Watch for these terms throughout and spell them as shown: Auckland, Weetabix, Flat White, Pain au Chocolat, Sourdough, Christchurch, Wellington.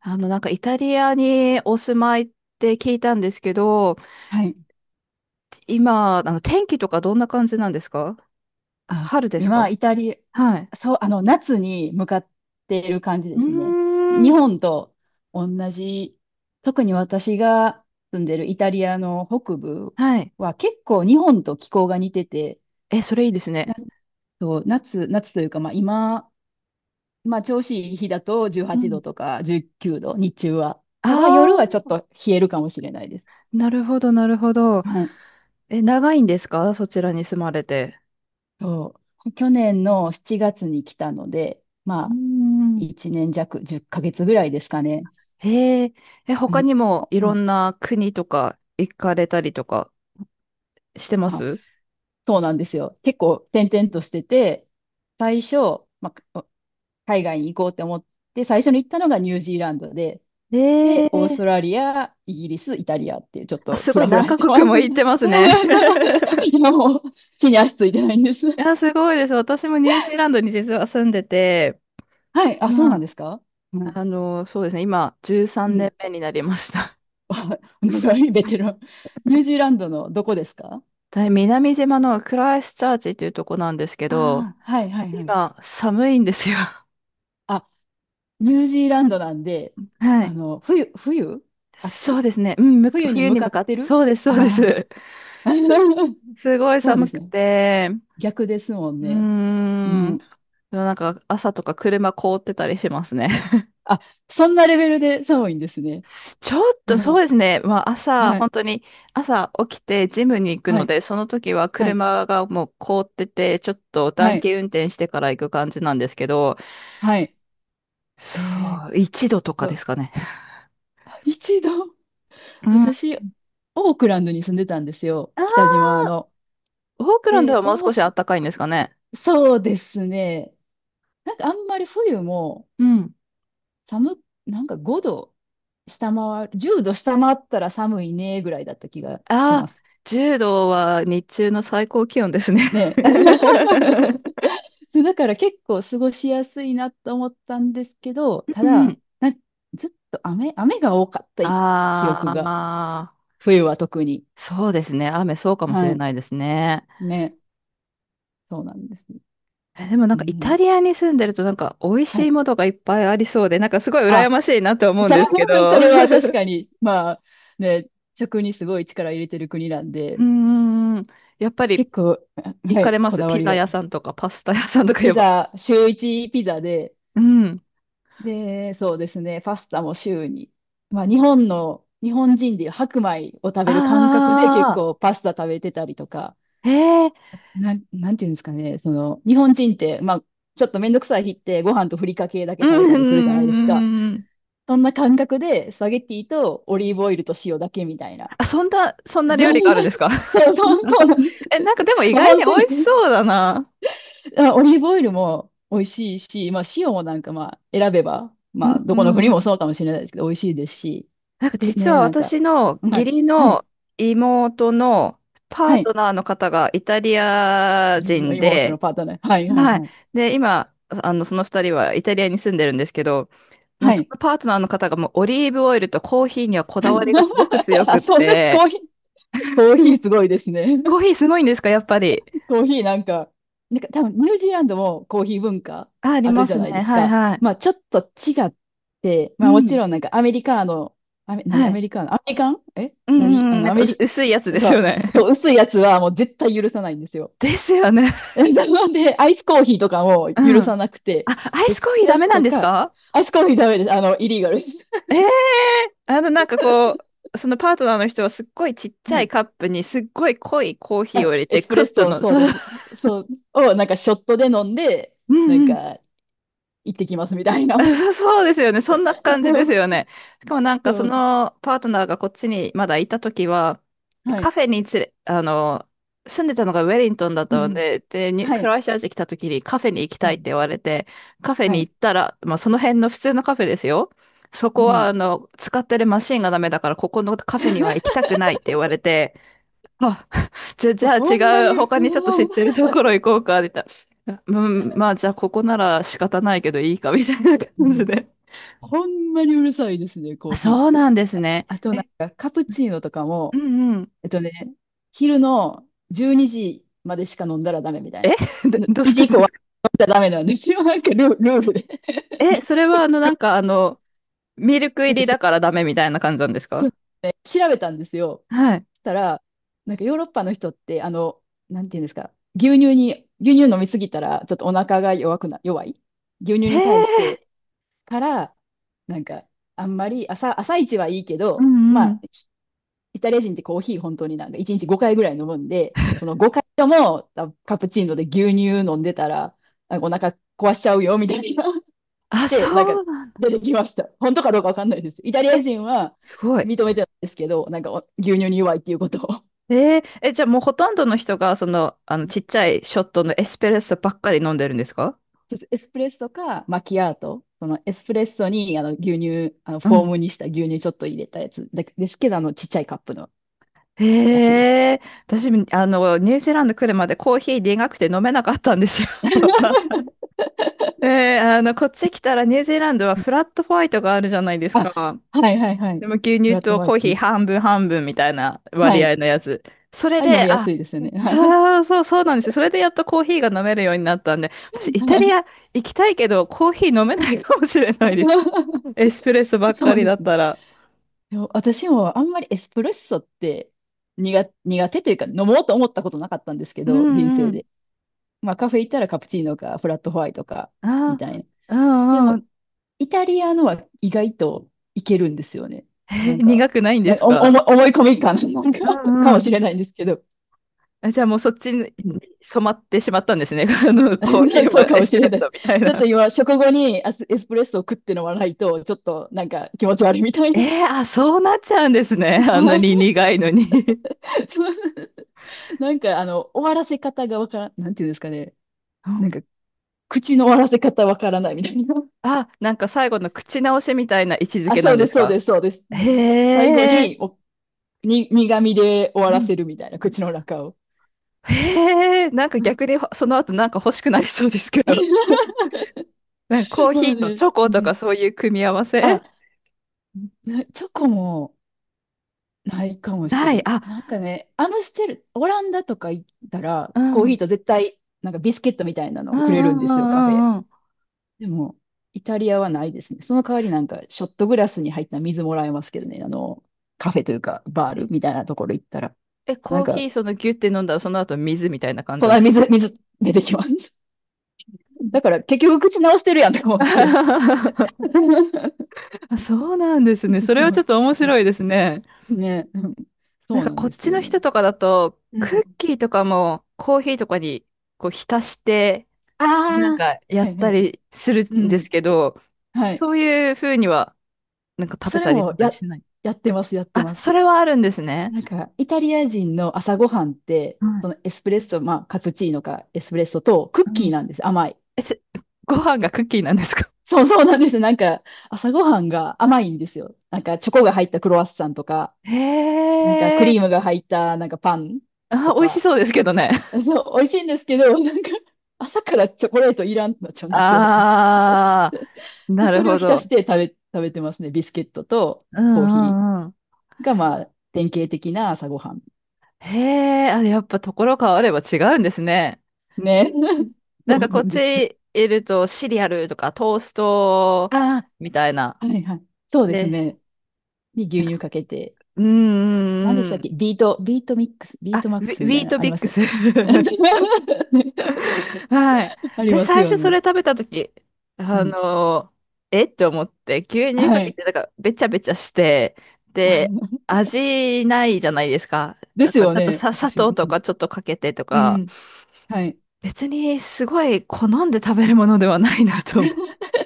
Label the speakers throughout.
Speaker 1: なんかイタリアにお住まいって聞いたんですけど、
Speaker 2: はい。
Speaker 1: 今、天気とかどんな感じなんですか？
Speaker 2: あ、
Speaker 1: 春です
Speaker 2: 今、
Speaker 1: か？
Speaker 2: イタリ
Speaker 1: はい。
Speaker 2: ア、そう、夏に向かっている感じ
Speaker 1: う
Speaker 2: ですね。
Speaker 1: ー
Speaker 2: 日
Speaker 1: ん。
Speaker 2: 本と同じ、特に私が住んでるイタリアの北部
Speaker 1: はい。
Speaker 2: は結構日本と気候が似てて、
Speaker 1: え、それいいです
Speaker 2: な
Speaker 1: ね。
Speaker 2: んと夏というか、まあ今、まあ調子いい日だと18
Speaker 1: うん。
Speaker 2: 度とか19度、日中は。
Speaker 1: あ
Speaker 2: ただ夜はち
Speaker 1: あ、
Speaker 2: ょっと冷えるかもしれないです。
Speaker 1: なるほど、なるほど。
Speaker 2: はい。
Speaker 1: え、長いんですか？そちらに住まれて。
Speaker 2: そう。去年の7月に来たので、
Speaker 1: うー
Speaker 2: まあ、
Speaker 1: ん。
Speaker 2: 1年弱、10ヶ月ぐらいですかね。
Speaker 1: へえ。え、
Speaker 2: う
Speaker 1: 他
Speaker 2: ん。
Speaker 1: にも
Speaker 2: あ、
Speaker 1: い
Speaker 2: う
Speaker 1: ろ
Speaker 2: ん。
Speaker 1: んな国とか行かれたりとかしてま
Speaker 2: あ、
Speaker 1: す？
Speaker 2: そうなんですよ。結構転々としてて、最初、まあ、海外に行こうって思って、最初に行ったのがニュージーランドで、で、
Speaker 1: え
Speaker 2: オースト
Speaker 1: え。
Speaker 2: ラリア、イギリス、イタリアっていう、ちょっ
Speaker 1: あ、
Speaker 2: と
Speaker 1: す
Speaker 2: フ
Speaker 1: ごい
Speaker 2: ラフ
Speaker 1: 何
Speaker 2: ラし
Speaker 1: カ
Speaker 2: てま
Speaker 1: 国
Speaker 2: す。
Speaker 1: も
Speaker 2: そ
Speaker 1: 行ってますね。
Speaker 2: う。今もう、地に足ついてないんです。
Speaker 1: いや、すごいです。私もニュージーランドに実は住んでて、
Speaker 2: はい。あ、そう
Speaker 1: う
Speaker 2: なん
Speaker 1: ん。
Speaker 2: ですか。はい。
Speaker 1: あの、そうですね、今、13
Speaker 2: う
Speaker 1: 年
Speaker 2: ん。
Speaker 1: 目になりました。
Speaker 2: あ、長いベテラ ン。ニュージーランドのどこですか？
Speaker 1: で、南島のクライストチャーチっていうとこなんですけど、
Speaker 2: ああー、はいはいはい。
Speaker 1: 今、寒いんですよ。
Speaker 2: あ、ニュージーランドなんで、
Speaker 1: はい。
Speaker 2: 冬、
Speaker 1: そう
Speaker 2: 秋
Speaker 1: ですね、うん、む
Speaker 2: 冬に
Speaker 1: 冬
Speaker 2: 向
Speaker 1: に
Speaker 2: か
Speaker 1: 向か
Speaker 2: っ
Speaker 1: っ
Speaker 2: て
Speaker 1: て、
Speaker 2: る、
Speaker 1: そうです、そうです。
Speaker 2: ああ
Speaker 1: す、
Speaker 2: ー。
Speaker 1: すご い
Speaker 2: そうで
Speaker 1: 寒
Speaker 2: す
Speaker 1: く
Speaker 2: ね。
Speaker 1: て、
Speaker 2: 逆ですもん
Speaker 1: うー
Speaker 2: ね。う
Speaker 1: ん、
Speaker 2: ん。
Speaker 1: なんか朝とか車凍ってたりしますね。
Speaker 2: あ、そんなレベルで寒いんですね。
Speaker 1: ちょっ
Speaker 2: う
Speaker 1: とそう
Speaker 2: ん。
Speaker 1: ですね。まあ朝、
Speaker 2: は
Speaker 1: 本
Speaker 2: い。
Speaker 1: 当に朝起きてジムに行く
Speaker 2: は
Speaker 1: の
Speaker 2: い。
Speaker 1: で、その時は
Speaker 2: はい。
Speaker 1: 車がもう凍ってて、ちょっと
Speaker 2: は
Speaker 1: 暖
Speaker 2: い。
Speaker 1: 気運転してから行く感じなんですけど、
Speaker 2: はい。え
Speaker 1: そ
Speaker 2: ーっ
Speaker 1: う、1度とかで
Speaker 2: と、
Speaker 1: すかね。
Speaker 2: 一度、
Speaker 1: うん。あ
Speaker 2: 私、オークランドに住んでたんですよ。
Speaker 1: あ、
Speaker 2: 北島の。
Speaker 1: オークランド
Speaker 2: で、
Speaker 1: はもう少
Speaker 2: お、
Speaker 1: し暖かいんですかね？
Speaker 2: そうですね。あんまり冬も、
Speaker 1: うん。
Speaker 2: 寒っ、なんか5度下回る、10度下回ったら寒いねぐらいだった気がし
Speaker 1: ああ、
Speaker 2: ます。
Speaker 1: 10度は日中の最高気温ですね。
Speaker 2: ね。そうだから結構過ごしやすいなと思ったんですけど、た
Speaker 1: うんう
Speaker 2: だ、
Speaker 1: ん。
Speaker 2: なんずっと雨が多かっ たい記
Speaker 1: あ
Speaker 2: 憶が、
Speaker 1: あ、
Speaker 2: 冬は特に。
Speaker 1: そうですね。雨そうかもし
Speaker 2: は
Speaker 1: れ
Speaker 2: い。
Speaker 1: ないですね。
Speaker 2: ね。そうなんですね。
Speaker 1: え、でもなん
Speaker 2: う
Speaker 1: かイタ
Speaker 2: ん。
Speaker 1: リアに住んでるとなんか美味
Speaker 2: は
Speaker 1: しい
Speaker 2: い。
Speaker 1: ものがいっぱいありそうで、なんかすごい羨
Speaker 2: あ、
Speaker 1: ましいなと思うん
Speaker 2: そ
Speaker 1: ですけ
Speaker 2: う、
Speaker 1: ど。
Speaker 2: そ れは確
Speaker 1: う
Speaker 2: かに、まあ、ね、食にすごい力入れてる国なん
Speaker 1: ー
Speaker 2: で、
Speaker 1: ん。やっぱり
Speaker 2: 結構、
Speaker 1: 行
Speaker 2: は
Speaker 1: か
Speaker 2: い、
Speaker 1: れま
Speaker 2: こ
Speaker 1: す？
Speaker 2: だわ
Speaker 1: ピ
Speaker 2: り
Speaker 1: ザ
Speaker 2: が。
Speaker 1: 屋さんとかパスタ屋さんとか言え
Speaker 2: ピ
Speaker 1: ば。
Speaker 2: ザ、週一ピザで、
Speaker 1: うん。
Speaker 2: で、そうですね、パスタも週に。まあ、日本人でいう白米を食べ
Speaker 1: あ
Speaker 2: る感覚で結構パスタ食べてたりとか、
Speaker 1: あ、へえ。
Speaker 2: なんていうんですかね、その、日本人って、まあ、ちょっとめんどくさい日ってご飯とふりかけだけ
Speaker 1: う
Speaker 2: 食べ
Speaker 1: ん
Speaker 2: た
Speaker 1: うん
Speaker 2: りするじゃないですか。
Speaker 1: うんうん。
Speaker 2: そんな感覚でスパゲッティとオリーブオイルと塩だけみたいな。
Speaker 1: あ、そんな、そん な料
Speaker 2: そん
Speaker 1: 理があ
Speaker 2: な、
Speaker 1: るんですか？
Speaker 2: そうそうなんです。
Speaker 1: え、なんかでも意
Speaker 2: まあ、
Speaker 1: 外に
Speaker 2: 本当
Speaker 1: 美味し
Speaker 2: に。
Speaker 1: そうだな。
Speaker 2: あ、オリーブオイルも美味しいし、まあ塩もなんかまあ選べば、
Speaker 1: う
Speaker 2: ま
Speaker 1: ん
Speaker 2: あ
Speaker 1: う
Speaker 2: どこの国
Speaker 1: んう
Speaker 2: も
Speaker 1: ん。
Speaker 2: そうかもしれないですけど、美味しいですし。
Speaker 1: なんか
Speaker 2: で
Speaker 1: 実
Speaker 2: ね、
Speaker 1: は
Speaker 2: なんか、
Speaker 1: 私の
Speaker 2: は
Speaker 1: 義
Speaker 2: い、
Speaker 1: 理
Speaker 2: は
Speaker 1: の
Speaker 2: い、
Speaker 1: 妹のパー
Speaker 2: は
Speaker 1: ト
Speaker 2: い。
Speaker 1: ナーの方がイタリア
Speaker 2: 義理の
Speaker 1: 人
Speaker 2: 妹の
Speaker 1: で、
Speaker 2: パートナー。はい、はい、
Speaker 1: はい。
Speaker 2: はい。
Speaker 1: で、今、その二人はイタリアに住んでるんですけど、もう
Speaker 2: は
Speaker 1: そ
Speaker 2: い。
Speaker 1: のパートナーの方がもうオリーブオイルとコーヒーにはこ
Speaker 2: は
Speaker 1: だわりがすごく
Speaker 2: い、
Speaker 1: 強く
Speaker 2: あ、
Speaker 1: っ
Speaker 2: そうです。
Speaker 1: て、
Speaker 2: コーヒー すごいですね。
Speaker 1: コーヒーすごいんですか？やっぱり。
Speaker 2: コーヒーなんか、なんか多分ニュージーランドもコーヒー文化
Speaker 1: あ、あり
Speaker 2: ある
Speaker 1: ま
Speaker 2: じ
Speaker 1: す
Speaker 2: ゃ
Speaker 1: ね。
Speaker 2: ないです
Speaker 1: はい
Speaker 2: か。
Speaker 1: はい。
Speaker 2: まあちょっと違って、
Speaker 1: う
Speaker 2: まあもち
Speaker 1: ん。
Speaker 2: ろんなんかアメリカーノ、
Speaker 1: は
Speaker 2: アメ
Speaker 1: い。
Speaker 2: リカーノ、アメリカンえ
Speaker 1: うん
Speaker 2: 何
Speaker 1: うんう
Speaker 2: あ
Speaker 1: ん。な
Speaker 2: の
Speaker 1: ん
Speaker 2: ア
Speaker 1: か
Speaker 2: メ
Speaker 1: 薄
Speaker 2: リ、
Speaker 1: 薄いやつです
Speaker 2: そ
Speaker 1: よね。
Speaker 2: う、そう、薄いやつはもう絶対許さないんですよ。
Speaker 1: ですよね。
Speaker 2: なんで、アイスコーヒーとかも
Speaker 1: う
Speaker 2: 許さ
Speaker 1: ん。
Speaker 2: なくて、
Speaker 1: あ、アイ
Speaker 2: エ
Speaker 1: ス
Speaker 2: ス
Speaker 1: コー
Speaker 2: プ
Speaker 1: ヒー
Speaker 2: レッ
Speaker 1: ダメなん
Speaker 2: ソ
Speaker 1: です
Speaker 2: か、
Speaker 1: か？
Speaker 2: アイスコーヒーダメです。イリーガルです。
Speaker 1: ええー、なんかこう、そのパートナーの人はすっごいちっ ち
Speaker 2: は
Speaker 1: ゃい
Speaker 2: い。
Speaker 1: カップにすっごい濃いコーヒーを
Speaker 2: あ、
Speaker 1: 入れ
Speaker 2: エ
Speaker 1: て、
Speaker 2: スプ
Speaker 1: ク
Speaker 2: レッ
Speaker 1: ッと
Speaker 2: ソ、
Speaker 1: の、
Speaker 2: そう
Speaker 1: そ
Speaker 2: で
Speaker 1: う。
Speaker 2: す。そう、をなんかショットで飲んで、
Speaker 1: う
Speaker 2: なん
Speaker 1: ん。
Speaker 2: か行ってきますみたいな。
Speaker 1: そうですよね。そんな感じですよ ね。しかもなんかそ
Speaker 2: そう、
Speaker 1: のパートナーがこっちにまだいたときは、
Speaker 2: は
Speaker 1: カ
Speaker 2: い。
Speaker 1: フェに連れ、あの、住んでたのがウェリントンだっ
Speaker 2: う
Speaker 1: たの
Speaker 2: ん。
Speaker 1: で、で、
Speaker 2: は
Speaker 1: ク
Speaker 2: い。
Speaker 1: ライストチャーチ来たときにカフェに行き
Speaker 2: う
Speaker 1: たいって
Speaker 2: ん。
Speaker 1: 言われて、カフェ
Speaker 2: は
Speaker 1: に
Speaker 2: い。
Speaker 1: 行ったら、まあその辺の普通のカフェですよ。そ
Speaker 2: う
Speaker 1: こは
Speaker 2: ん。
Speaker 1: 使ってるマシンがダメだから、ここのカフェには行きた くないって言われて、あ、じゃあ
Speaker 2: ほんま
Speaker 1: 違う、
Speaker 2: に、う
Speaker 1: 他にちょっと知っ
Speaker 2: わ、
Speaker 1: てるところ行こうか、みたいな。うん、まあじゃあここなら仕方ないけどいいか、みたいな
Speaker 2: う
Speaker 1: 感じ
Speaker 2: ん。
Speaker 1: で。
Speaker 2: ほんまにうるさいですね、コ
Speaker 1: あ、
Speaker 2: ーヒ
Speaker 1: そうなんで
Speaker 2: ー。
Speaker 1: す
Speaker 2: あ
Speaker 1: ね。
Speaker 2: あ、となん
Speaker 1: え、
Speaker 2: か、カプチーノとか
Speaker 1: う
Speaker 2: も、
Speaker 1: んうん。
Speaker 2: えっとね、昼の12時までしか飲んだらダメみたい
Speaker 1: え。
Speaker 2: な。
Speaker 1: どどうし
Speaker 2: 1時
Speaker 1: て
Speaker 2: 以
Speaker 1: で
Speaker 2: 降
Speaker 1: す
Speaker 2: は
Speaker 1: か？
Speaker 2: 飲んだらダメなんですよ。なんかルールで。
Speaker 1: え、それはなんかミルク
Speaker 2: な
Speaker 1: 入
Speaker 2: んか
Speaker 1: り
Speaker 2: そ、
Speaker 1: だからダメみたいな感じなんです
Speaker 2: そ
Speaker 1: か？
Speaker 2: 調べたんですよ。
Speaker 1: はい。
Speaker 2: そしたら、なんかヨーロッパの人って、あの、なんていうんですか、牛乳飲みすぎたら、ちょっとお腹が弱くな、弱い。牛乳
Speaker 1: へ
Speaker 2: に対して、
Speaker 1: え、
Speaker 2: から、なんか、あんまり朝、朝一はいいけ
Speaker 1: う
Speaker 2: ど、
Speaker 1: んう
Speaker 2: ま
Speaker 1: ん。
Speaker 2: あ、イタリア人ってコーヒー本当になんか1日5回ぐらい飲むんで、その5回ともカプチーノで牛乳飲んでたら、なんかお腹壊しちゃうよみたいな。
Speaker 1: あ、
Speaker 2: で、なんか
Speaker 1: そうなんだ。
Speaker 2: 出てきました。本当かどうかわかんないです。イタリア
Speaker 1: え、
Speaker 2: 人は
Speaker 1: すごい。
Speaker 2: 認めてないですけど、なんかお牛乳に弱いっていうことを。
Speaker 1: え、じゃあもうほとんどの人が、ちっちゃいショットのエスプレッソばっかり飲んでるんですか？
Speaker 2: エスプレッソかマキアート。そのエスプレッソにあの牛乳、あの
Speaker 1: う
Speaker 2: フォー
Speaker 1: ん。
Speaker 2: ムにした牛乳ちょっと入れたやつだですけど、あのちっちゃいカップのやつです。
Speaker 1: へえ、私、ニュージーランド来るまでコーヒー苦くて飲めなかったんですよ。ねえ、こっち来たらニュージーランドはフラットホワイトがあるじゃないです
Speaker 2: あ、
Speaker 1: か。
Speaker 2: はいはいはい。
Speaker 1: でも牛
Speaker 2: フ
Speaker 1: 乳
Speaker 2: ラット
Speaker 1: と
Speaker 2: ホワ
Speaker 1: コ
Speaker 2: イ
Speaker 1: ー
Speaker 2: ト
Speaker 1: ヒ
Speaker 2: ね。
Speaker 1: ー半分半分みたいな
Speaker 2: は
Speaker 1: 割合
Speaker 2: い。
Speaker 1: のやつ。それ
Speaker 2: あれ飲
Speaker 1: で、
Speaker 2: みや
Speaker 1: あ、
Speaker 2: すいですよね。はい。
Speaker 1: そうそうそうなんですよ。それでやっとコーヒーが飲めるようになったんで、私 イタ
Speaker 2: は
Speaker 1: リ
Speaker 2: い。
Speaker 1: ア行きたいけどコーヒー飲めないかもしれないです。エスプレッソばっ
Speaker 2: そ
Speaker 1: か
Speaker 2: う
Speaker 1: り
Speaker 2: で
Speaker 1: だ
Speaker 2: す
Speaker 1: っ
Speaker 2: ね。
Speaker 1: たら。
Speaker 2: でも私もあんまりエスプレッソって、苦手というか飲もうと思ったことなかったんですけ
Speaker 1: う
Speaker 2: ど、人
Speaker 1: ん
Speaker 2: 生
Speaker 1: うん。
Speaker 2: で。まあカフェ行ったらカプチーノかフラットホワイトかみ
Speaker 1: あ、
Speaker 2: たいな。
Speaker 1: う
Speaker 2: で
Speaker 1: んう
Speaker 2: も
Speaker 1: ん。
Speaker 2: イタリアのは意外といけるんですよね。な
Speaker 1: え、
Speaker 2: んか、
Speaker 1: 苦くないんで
Speaker 2: なん
Speaker 1: す
Speaker 2: かお
Speaker 1: か？
Speaker 2: 思い込み感、なんか
Speaker 1: う ん
Speaker 2: かも
Speaker 1: う
Speaker 2: し
Speaker 1: ん。
Speaker 2: れないんですけど。
Speaker 1: あ、じゃあもうそっちに
Speaker 2: うん、
Speaker 1: 染まってしまったんですね。コーヒ ー
Speaker 2: そう
Speaker 1: は
Speaker 2: か
Speaker 1: エ
Speaker 2: も
Speaker 1: ス
Speaker 2: し
Speaker 1: プ
Speaker 2: れ
Speaker 1: レッ
Speaker 2: ないで
Speaker 1: ソ
Speaker 2: す。
Speaker 1: みたい
Speaker 2: ちょっ
Speaker 1: な。
Speaker 2: と今、食後にエスプレッソを食って飲まないと、ちょっとなんか気持ち悪いみたいな。
Speaker 1: えー、あ、そうなっちゃうんですね。あんな
Speaker 2: はい、
Speaker 1: に苦いのに。
Speaker 2: そう、なんかあの、終わらせ方がわからん、なんていうんですかね。
Speaker 1: う
Speaker 2: なん
Speaker 1: ん。
Speaker 2: か、口の終わらせ方わからないみたいな。
Speaker 1: あ、なんか最後の口直しみたいな位置づ
Speaker 2: あ、
Speaker 1: けな
Speaker 2: そう
Speaker 1: んで
Speaker 2: です、
Speaker 1: す
Speaker 2: そう
Speaker 1: か？
Speaker 2: です、そうです。うん。最後
Speaker 1: へえ。
Speaker 2: に、お、に、苦味で終わ
Speaker 1: う
Speaker 2: らせ
Speaker 1: ん。
Speaker 2: るみたいな、口の中を。
Speaker 1: へえ、なんか逆に その後なんか欲しくなりそうですけど。なんかコー
Speaker 2: ま
Speaker 1: ヒ
Speaker 2: あ
Speaker 1: ーと
Speaker 2: ね、
Speaker 1: チョ
Speaker 2: う
Speaker 1: コとか
Speaker 2: ん。
Speaker 1: そういう組み合わせ
Speaker 2: あ、なチョコもないかもし
Speaker 1: な
Speaker 2: れ
Speaker 1: い。
Speaker 2: ん。
Speaker 1: あ、
Speaker 2: なんかね、アムステル、オランダとか行ったら、
Speaker 1: う
Speaker 2: コーヒ
Speaker 1: ん。
Speaker 2: ーと絶対、なんかビスケットみたいなの
Speaker 1: う
Speaker 2: をく
Speaker 1: んう
Speaker 2: れるん
Speaker 1: ん
Speaker 2: で
Speaker 1: う
Speaker 2: すよ、カフェ。
Speaker 1: んうんうん。
Speaker 2: でも、イタリアはないですね。その代わり
Speaker 1: す、
Speaker 2: なんか、ショットグラスに入った水もらえますけどね、あの、カフェというか、バールみたいなところ行ったら。
Speaker 1: え、
Speaker 2: な
Speaker 1: コ
Speaker 2: ん
Speaker 1: ー
Speaker 2: か、
Speaker 1: ヒーそのギュって飲んだらその後水みたいな感じなん。
Speaker 2: 水出てきます。だから結局口直してるやんとか思って。
Speaker 1: あ。 そうなんですね。それ
Speaker 2: そ
Speaker 1: はちょ
Speaker 2: う。
Speaker 1: っと面白いですね。
Speaker 2: ね、うん。
Speaker 1: なん
Speaker 2: そう
Speaker 1: か
Speaker 2: なん
Speaker 1: こっ
Speaker 2: です
Speaker 1: ち
Speaker 2: よ
Speaker 1: の人
Speaker 2: ね。
Speaker 1: とかだと、
Speaker 2: う
Speaker 1: クッ
Speaker 2: ん。
Speaker 1: キーとかもコーヒーとかにこう浸して、
Speaker 2: あ
Speaker 1: なん
Speaker 2: あ、
Speaker 1: かや
Speaker 2: は
Speaker 1: っ
Speaker 2: いは
Speaker 1: た
Speaker 2: い。
Speaker 1: りする
Speaker 2: う
Speaker 1: んです
Speaker 2: ん。
Speaker 1: けど、
Speaker 2: はい。
Speaker 1: そういう風にはなんか食
Speaker 2: そ
Speaker 1: べ
Speaker 2: れ
Speaker 1: たり飲
Speaker 2: も
Speaker 1: んだり
Speaker 2: や、
Speaker 1: しない。
Speaker 2: やってます、やって
Speaker 1: あ、
Speaker 2: ます。
Speaker 1: それはあるんですね。
Speaker 2: なんか、イタリア人の朝ごはんって、
Speaker 1: はい。
Speaker 2: そのエスプレッソ、まあ、カプチーノかエスプレッソとク
Speaker 1: う
Speaker 2: ッキー
Speaker 1: ん。
Speaker 2: なんです。甘い。
Speaker 1: え、ご飯がクッキーなんですか？
Speaker 2: そうそうなんです。なんか、朝ごはんが甘いんですよ。なんか、チョコが入ったクロワッサンとか、なんか、ク
Speaker 1: へえ。
Speaker 2: リームが入った、なんか、パンと
Speaker 1: あ、美味し
Speaker 2: か。
Speaker 1: そうですけどね。
Speaker 2: そう、美味しいんですけど、なんか、朝からチョコレートいらんってなっちゃうんですよ、私。
Speaker 1: ああ、
Speaker 2: で、
Speaker 1: なる
Speaker 2: それを
Speaker 1: ほ
Speaker 2: 浸
Speaker 1: ど。
Speaker 2: して食べてますね。ビスケットと
Speaker 1: うん
Speaker 2: コーヒ
Speaker 1: うんうん。
Speaker 2: ーが、まあ、典型的な朝ごはん。
Speaker 1: へえ、あ、やっぱところ変われば違うんですね。
Speaker 2: ね。
Speaker 1: な
Speaker 2: そ
Speaker 1: んか
Speaker 2: う
Speaker 1: こ
Speaker 2: な
Speaker 1: っ
Speaker 2: んですよ。
Speaker 1: ちいるとシリアルとかトースト
Speaker 2: あ
Speaker 1: みたいな。
Speaker 2: あ、はいはい。そうです
Speaker 1: で、
Speaker 2: ね。に
Speaker 1: な
Speaker 2: 牛
Speaker 1: ん
Speaker 2: 乳
Speaker 1: か、
Speaker 2: かけて。
Speaker 1: うんう
Speaker 2: 何でし
Speaker 1: んう
Speaker 2: たっ
Speaker 1: ん。
Speaker 2: け、ビートミックス、ビー
Speaker 1: あ、
Speaker 2: トマッ
Speaker 1: ウ
Speaker 2: ク
Speaker 1: ィ、
Speaker 2: ス
Speaker 1: ウ
Speaker 2: みた
Speaker 1: ィ
Speaker 2: い
Speaker 1: ー
Speaker 2: な、
Speaker 1: ト
Speaker 2: あり
Speaker 1: ビ
Speaker 2: ま
Speaker 1: ッ
Speaker 2: す
Speaker 1: ク
Speaker 2: ね。
Speaker 1: ス。はい。
Speaker 2: あり
Speaker 1: で、
Speaker 2: ます
Speaker 1: 最
Speaker 2: よ
Speaker 1: 初そ
Speaker 2: ね。
Speaker 1: れ食べたとき、
Speaker 2: う
Speaker 1: あ
Speaker 2: ん。
Speaker 1: のー、えって思って、牛乳か
Speaker 2: は
Speaker 1: け
Speaker 2: い。
Speaker 1: て、なんか、べちゃべちゃして、で、味ないじゃないですか。
Speaker 2: で
Speaker 1: だ
Speaker 2: す
Speaker 1: から、ち
Speaker 2: よ
Speaker 1: ょっと
Speaker 2: ね。
Speaker 1: さ、砂
Speaker 2: 私
Speaker 1: 糖
Speaker 2: も。
Speaker 1: と
Speaker 2: うん。
Speaker 1: かちょっとかけてと
Speaker 2: う
Speaker 1: か、
Speaker 2: ん、はい。
Speaker 1: 別にすごい好んで食べるものではないなと思う。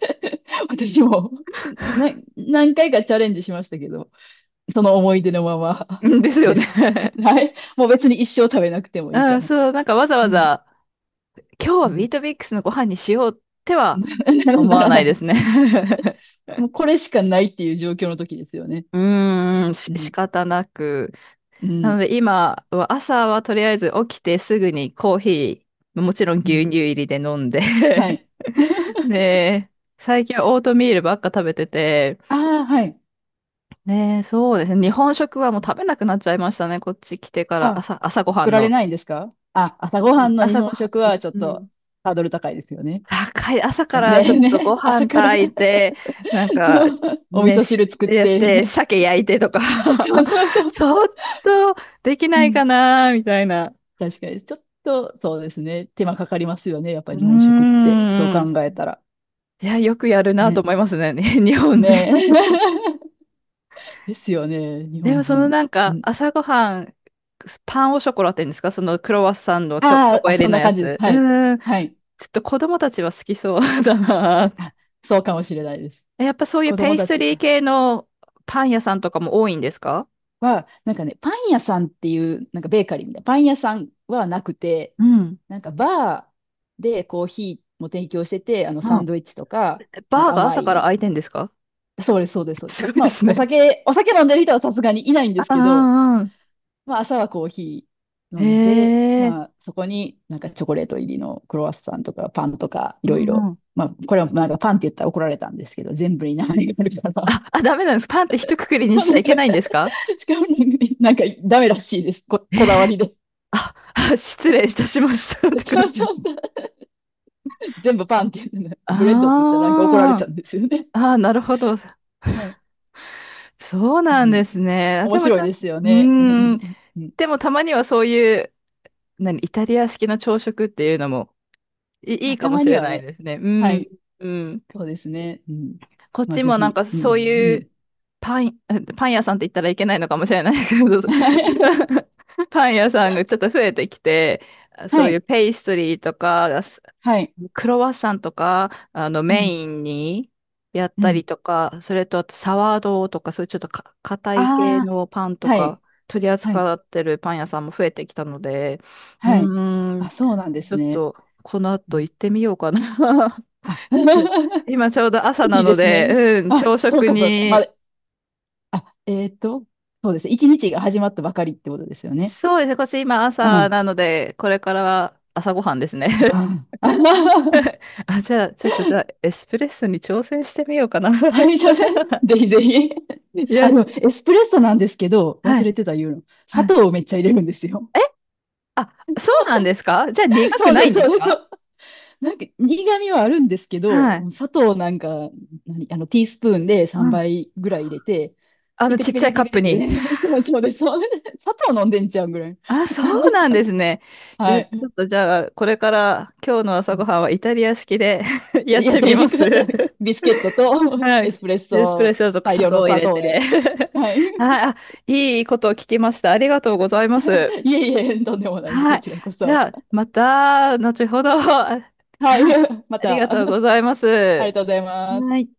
Speaker 2: 私も、な、何回かチャレンジしましたけど、その思い出のまま
Speaker 1: うんです よ
Speaker 2: で
Speaker 1: ね。
Speaker 2: す。はい。もう別に一生食べなくてもいい
Speaker 1: う
Speaker 2: か
Speaker 1: ん、
Speaker 2: な。
Speaker 1: そう、なんかわざわ
Speaker 2: うん。
Speaker 1: ざ、今日
Speaker 2: う
Speaker 1: はビ
Speaker 2: ん。
Speaker 1: ートミックスのご飯にしようって は思
Speaker 2: な
Speaker 1: わ
Speaker 2: ら
Speaker 1: な
Speaker 2: な
Speaker 1: いで
Speaker 2: い。
Speaker 1: すね。
Speaker 2: もうこれしかないっていう状況の時ですよね。
Speaker 1: うーん、
Speaker 2: う
Speaker 1: 仕
Speaker 2: ん。
Speaker 1: 方なく。
Speaker 2: う
Speaker 1: なの
Speaker 2: ん。
Speaker 1: で今は朝はとりあえず起きてすぐにコーヒー、もちろん
Speaker 2: う
Speaker 1: 牛
Speaker 2: ん。
Speaker 1: 乳入りで飲んで。
Speaker 2: はい。
Speaker 1: で、最近はオートミールばっか食べてて、
Speaker 2: ああ、はい。
Speaker 1: ね、そうですね。
Speaker 2: う
Speaker 1: 日
Speaker 2: ん。
Speaker 1: 本食はもう食べなくなっちゃいましたね。こっち来てから
Speaker 2: あ、
Speaker 1: 朝ごは
Speaker 2: 作
Speaker 1: ん
Speaker 2: られ
Speaker 1: の。
Speaker 2: ないんですかあ、朝
Speaker 1: う
Speaker 2: ごは
Speaker 1: ん、
Speaker 2: んの日
Speaker 1: 朝
Speaker 2: 本
Speaker 1: ごはん、
Speaker 2: 食はちょっ
Speaker 1: う
Speaker 2: と
Speaker 1: ん。
Speaker 2: ハードル高いですよね。
Speaker 1: 高い。朝から
Speaker 2: ね
Speaker 1: ちょっ
Speaker 2: え
Speaker 1: と
Speaker 2: ね
Speaker 1: ご
Speaker 2: え、朝
Speaker 1: 飯
Speaker 2: から
Speaker 1: 炊いて、なん か、
Speaker 2: そう、お味
Speaker 1: ね、
Speaker 2: 噌
Speaker 1: し
Speaker 2: 汁作っ
Speaker 1: やっ
Speaker 2: て、みた
Speaker 1: て、
Speaker 2: いな。
Speaker 1: 鮭焼いてとか。
Speaker 2: そうそう そう。
Speaker 1: ちょっとでき
Speaker 2: う
Speaker 1: ないか
Speaker 2: ん。
Speaker 1: な、みたいな。
Speaker 2: 確かに、ちょっと、そうですね。手間かかりますよね。やっぱ
Speaker 1: う
Speaker 2: り日本食っ
Speaker 1: ー
Speaker 2: て。そう考
Speaker 1: ん。
Speaker 2: えたら。
Speaker 1: いや、よくやるなと
Speaker 2: ね。
Speaker 1: 思いますね、日本人。
Speaker 2: ねえ。ですよね。日
Speaker 1: で
Speaker 2: 本
Speaker 1: も、その
Speaker 2: 人。
Speaker 1: なん
Speaker 2: う
Speaker 1: か、
Speaker 2: ん。
Speaker 1: 朝ごはん、パンオショコラって言うんですか？そのクロワッサンのチョ、チョ
Speaker 2: あ
Speaker 1: コ
Speaker 2: ーあ、
Speaker 1: 入り
Speaker 2: そん
Speaker 1: の
Speaker 2: な
Speaker 1: や
Speaker 2: 感じです。
Speaker 1: つ。
Speaker 2: はい。
Speaker 1: うーん。
Speaker 2: はい。
Speaker 1: ちょっと子供たちは好きそう。 だな。
Speaker 2: あ、そうかもしれないです。
Speaker 1: やっぱそういう
Speaker 2: 子
Speaker 1: ペ
Speaker 2: 供
Speaker 1: イス
Speaker 2: た
Speaker 1: ト
Speaker 2: ち
Speaker 1: リー系のパン屋さんとかも多いんですか？
Speaker 2: は、なんかね、パン屋さんっていう、なんかベーカリーみたいな、パン屋さんはなくて、
Speaker 1: うん。
Speaker 2: なんかバーでコーヒーも提供してて、あの、サ
Speaker 1: う
Speaker 2: ン
Speaker 1: ん。
Speaker 2: ドイッチとか、なん
Speaker 1: バー
Speaker 2: か
Speaker 1: が
Speaker 2: 甘
Speaker 1: 朝から
Speaker 2: い、
Speaker 1: 開いてんですか？
Speaker 2: そうです、そうです。そうです。
Speaker 1: すごい
Speaker 2: ま
Speaker 1: で
Speaker 2: あ、
Speaker 1: す
Speaker 2: お
Speaker 1: ね。
Speaker 2: 酒、お酒飲んでる人はさすがにいないんで
Speaker 1: あ
Speaker 2: す
Speaker 1: あ、
Speaker 2: けど、
Speaker 1: うんう
Speaker 2: まあ、朝はコーヒー
Speaker 1: ん。へ
Speaker 2: 飲んで、
Speaker 1: え。
Speaker 2: まあ、そこになんかチョコレート入りのクロワッサンとかパンとかい
Speaker 1: う
Speaker 2: ろい
Speaker 1: んう
Speaker 2: ろ。
Speaker 1: ん。
Speaker 2: まあ、これはなんかパンって言ったら怒られたんですけど、全部に名前があるから。
Speaker 1: あ、あ、ダメなんです。パンって一括り に
Speaker 2: そう、
Speaker 1: しち
Speaker 2: な
Speaker 1: ゃ
Speaker 2: ん
Speaker 1: い
Speaker 2: か、
Speaker 1: けないんですか？
Speaker 2: しかもなんかダメらしいです。こだわりで。
Speaker 1: あ、あ、失礼いたしました。って
Speaker 2: そ
Speaker 1: 感
Speaker 2: うそう
Speaker 1: じ。
Speaker 2: そう。全部パンって言ってね、ブレッドって言ったらなんか怒られ
Speaker 1: あ
Speaker 2: たんですよね。
Speaker 1: あ、ああ、なるほど。
Speaker 2: はい。
Speaker 1: そう
Speaker 2: う
Speaker 1: なん
Speaker 2: ん。
Speaker 1: ですね。あ、で
Speaker 2: 面
Speaker 1: もち
Speaker 2: 白い
Speaker 1: ゃん、
Speaker 2: ですよね。うん。う
Speaker 1: うーん。
Speaker 2: んうん。
Speaker 1: でもたまにはそういう、イタリア式の朝食っていうのもい、い
Speaker 2: ま
Speaker 1: い
Speaker 2: あ、
Speaker 1: か
Speaker 2: た
Speaker 1: も
Speaker 2: ま
Speaker 1: し
Speaker 2: に
Speaker 1: れ
Speaker 2: は
Speaker 1: ない
Speaker 2: ね。
Speaker 1: ですね。う
Speaker 2: は
Speaker 1: ん。
Speaker 2: い。
Speaker 1: うん。
Speaker 2: そうですね。うん。
Speaker 1: こっ
Speaker 2: まあ、
Speaker 1: ち
Speaker 2: ぜ
Speaker 1: もなん
Speaker 2: ひ。
Speaker 1: か
Speaker 2: うん。う
Speaker 1: そういう
Speaker 2: ん。
Speaker 1: パン、パン屋さんって言ったらいけないのかもしれないですけど、パン屋さんがちょっと増えてきて、そ
Speaker 2: は
Speaker 1: ういう
Speaker 2: い。
Speaker 1: ペイストリーとか、
Speaker 2: はい。
Speaker 1: クロワッサンとか、
Speaker 2: う
Speaker 1: メ
Speaker 2: ん、
Speaker 1: インにやっ
Speaker 2: う
Speaker 1: たり
Speaker 2: ん。
Speaker 1: とか、それとあとサワードーとか、そういうちょっとか硬
Speaker 2: あ
Speaker 1: い系のパン
Speaker 2: あ、
Speaker 1: と
Speaker 2: はい、
Speaker 1: か、取り
Speaker 2: はい、
Speaker 1: 扱ってるパン屋さんも増えてきたので、う
Speaker 2: はい。
Speaker 1: ーん、
Speaker 2: あ、そうなんで
Speaker 1: ちょ
Speaker 2: す
Speaker 1: っ
Speaker 2: ね。
Speaker 1: と、この
Speaker 2: う
Speaker 1: 後
Speaker 2: ん、
Speaker 1: 行ってみようかな。
Speaker 2: あ、
Speaker 1: ちょ 今ちょうど朝
Speaker 2: い
Speaker 1: な
Speaker 2: いで
Speaker 1: の
Speaker 2: すね。
Speaker 1: で、うん、
Speaker 2: あ、
Speaker 1: 朝
Speaker 2: そう
Speaker 1: 食
Speaker 2: か、そうか。ま
Speaker 1: に、
Speaker 2: だ、あ、そうですね。一日が始まったばかりってことですよね。
Speaker 1: そうですね、こっち今
Speaker 2: う
Speaker 1: 朝
Speaker 2: ん。
Speaker 1: なので、これからは朝ごはんですね。
Speaker 2: ああ、
Speaker 1: あ、じゃあ、ちょっとじゃあ、エスプレッソに挑戦してみようかな。
Speaker 2: あれじゃね。ぜひぜひ。
Speaker 1: や
Speaker 2: あ
Speaker 1: っ
Speaker 2: の、エスプレッソなんですけど、
Speaker 1: は
Speaker 2: 忘
Speaker 1: い、
Speaker 2: れてた言うの。砂
Speaker 1: はい。
Speaker 2: 糖をめっちゃ入れるんですよ。
Speaker 1: え、あ、そうなん ですか？じゃあ苦
Speaker 2: そ
Speaker 1: く
Speaker 2: う
Speaker 1: な
Speaker 2: です、
Speaker 1: いんです
Speaker 2: そうです。
Speaker 1: か？
Speaker 2: なんか苦味はあるんですけど、
Speaker 1: はい。
Speaker 2: 砂糖なんか、何、あの、ティースプーンで
Speaker 1: う
Speaker 2: 3
Speaker 1: ん。
Speaker 2: 倍ぐらい入れて、
Speaker 1: あ
Speaker 2: ティ
Speaker 1: の
Speaker 2: クテ
Speaker 1: ち
Speaker 2: ィ
Speaker 1: っ
Speaker 2: ク
Speaker 1: ち
Speaker 2: テ
Speaker 1: ゃい
Speaker 2: ィクテ
Speaker 1: カ
Speaker 2: ィ
Speaker 1: ッ
Speaker 2: クティ
Speaker 1: プ
Speaker 2: ク
Speaker 1: に。
Speaker 2: ティク そうそうです、そうです。砂糖飲んでんちゃうんぐらい。
Speaker 1: あ、そうなんですね。じゃあ、
Speaker 2: は
Speaker 1: ちょっ
Speaker 2: い。
Speaker 1: とじゃあ、これから今日の朝ごはんはイタリア式で。 やっ
Speaker 2: やっ
Speaker 1: て
Speaker 2: て
Speaker 1: み
Speaker 2: み
Speaker 1: ま
Speaker 2: てく
Speaker 1: す。
Speaker 2: ださ い。ビスケットと
Speaker 1: は
Speaker 2: エ
Speaker 1: い。
Speaker 2: スプレッ
Speaker 1: エスプレッ
Speaker 2: ソ
Speaker 1: ソと
Speaker 2: 大
Speaker 1: 砂
Speaker 2: 量
Speaker 1: 糖
Speaker 2: の
Speaker 1: を入
Speaker 2: 砂
Speaker 1: れ
Speaker 2: 糖
Speaker 1: て。
Speaker 2: で。はい。
Speaker 1: はい。あ、いいことを聞きました。ありがとうございます。
Speaker 2: いえいえ、とんでもないです。
Speaker 1: は
Speaker 2: こ
Speaker 1: い。
Speaker 2: ちらこ
Speaker 1: じ
Speaker 2: そ。
Speaker 1: ゃあ、また、後ほど。は
Speaker 2: はい。
Speaker 1: い。
Speaker 2: ま
Speaker 1: ありが
Speaker 2: た、
Speaker 1: とうございま
Speaker 2: ありが
Speaker 1: す。
Speaker 2: とうございま
Speaker 1: は
Speaker 2: す。
Speaker 1: い。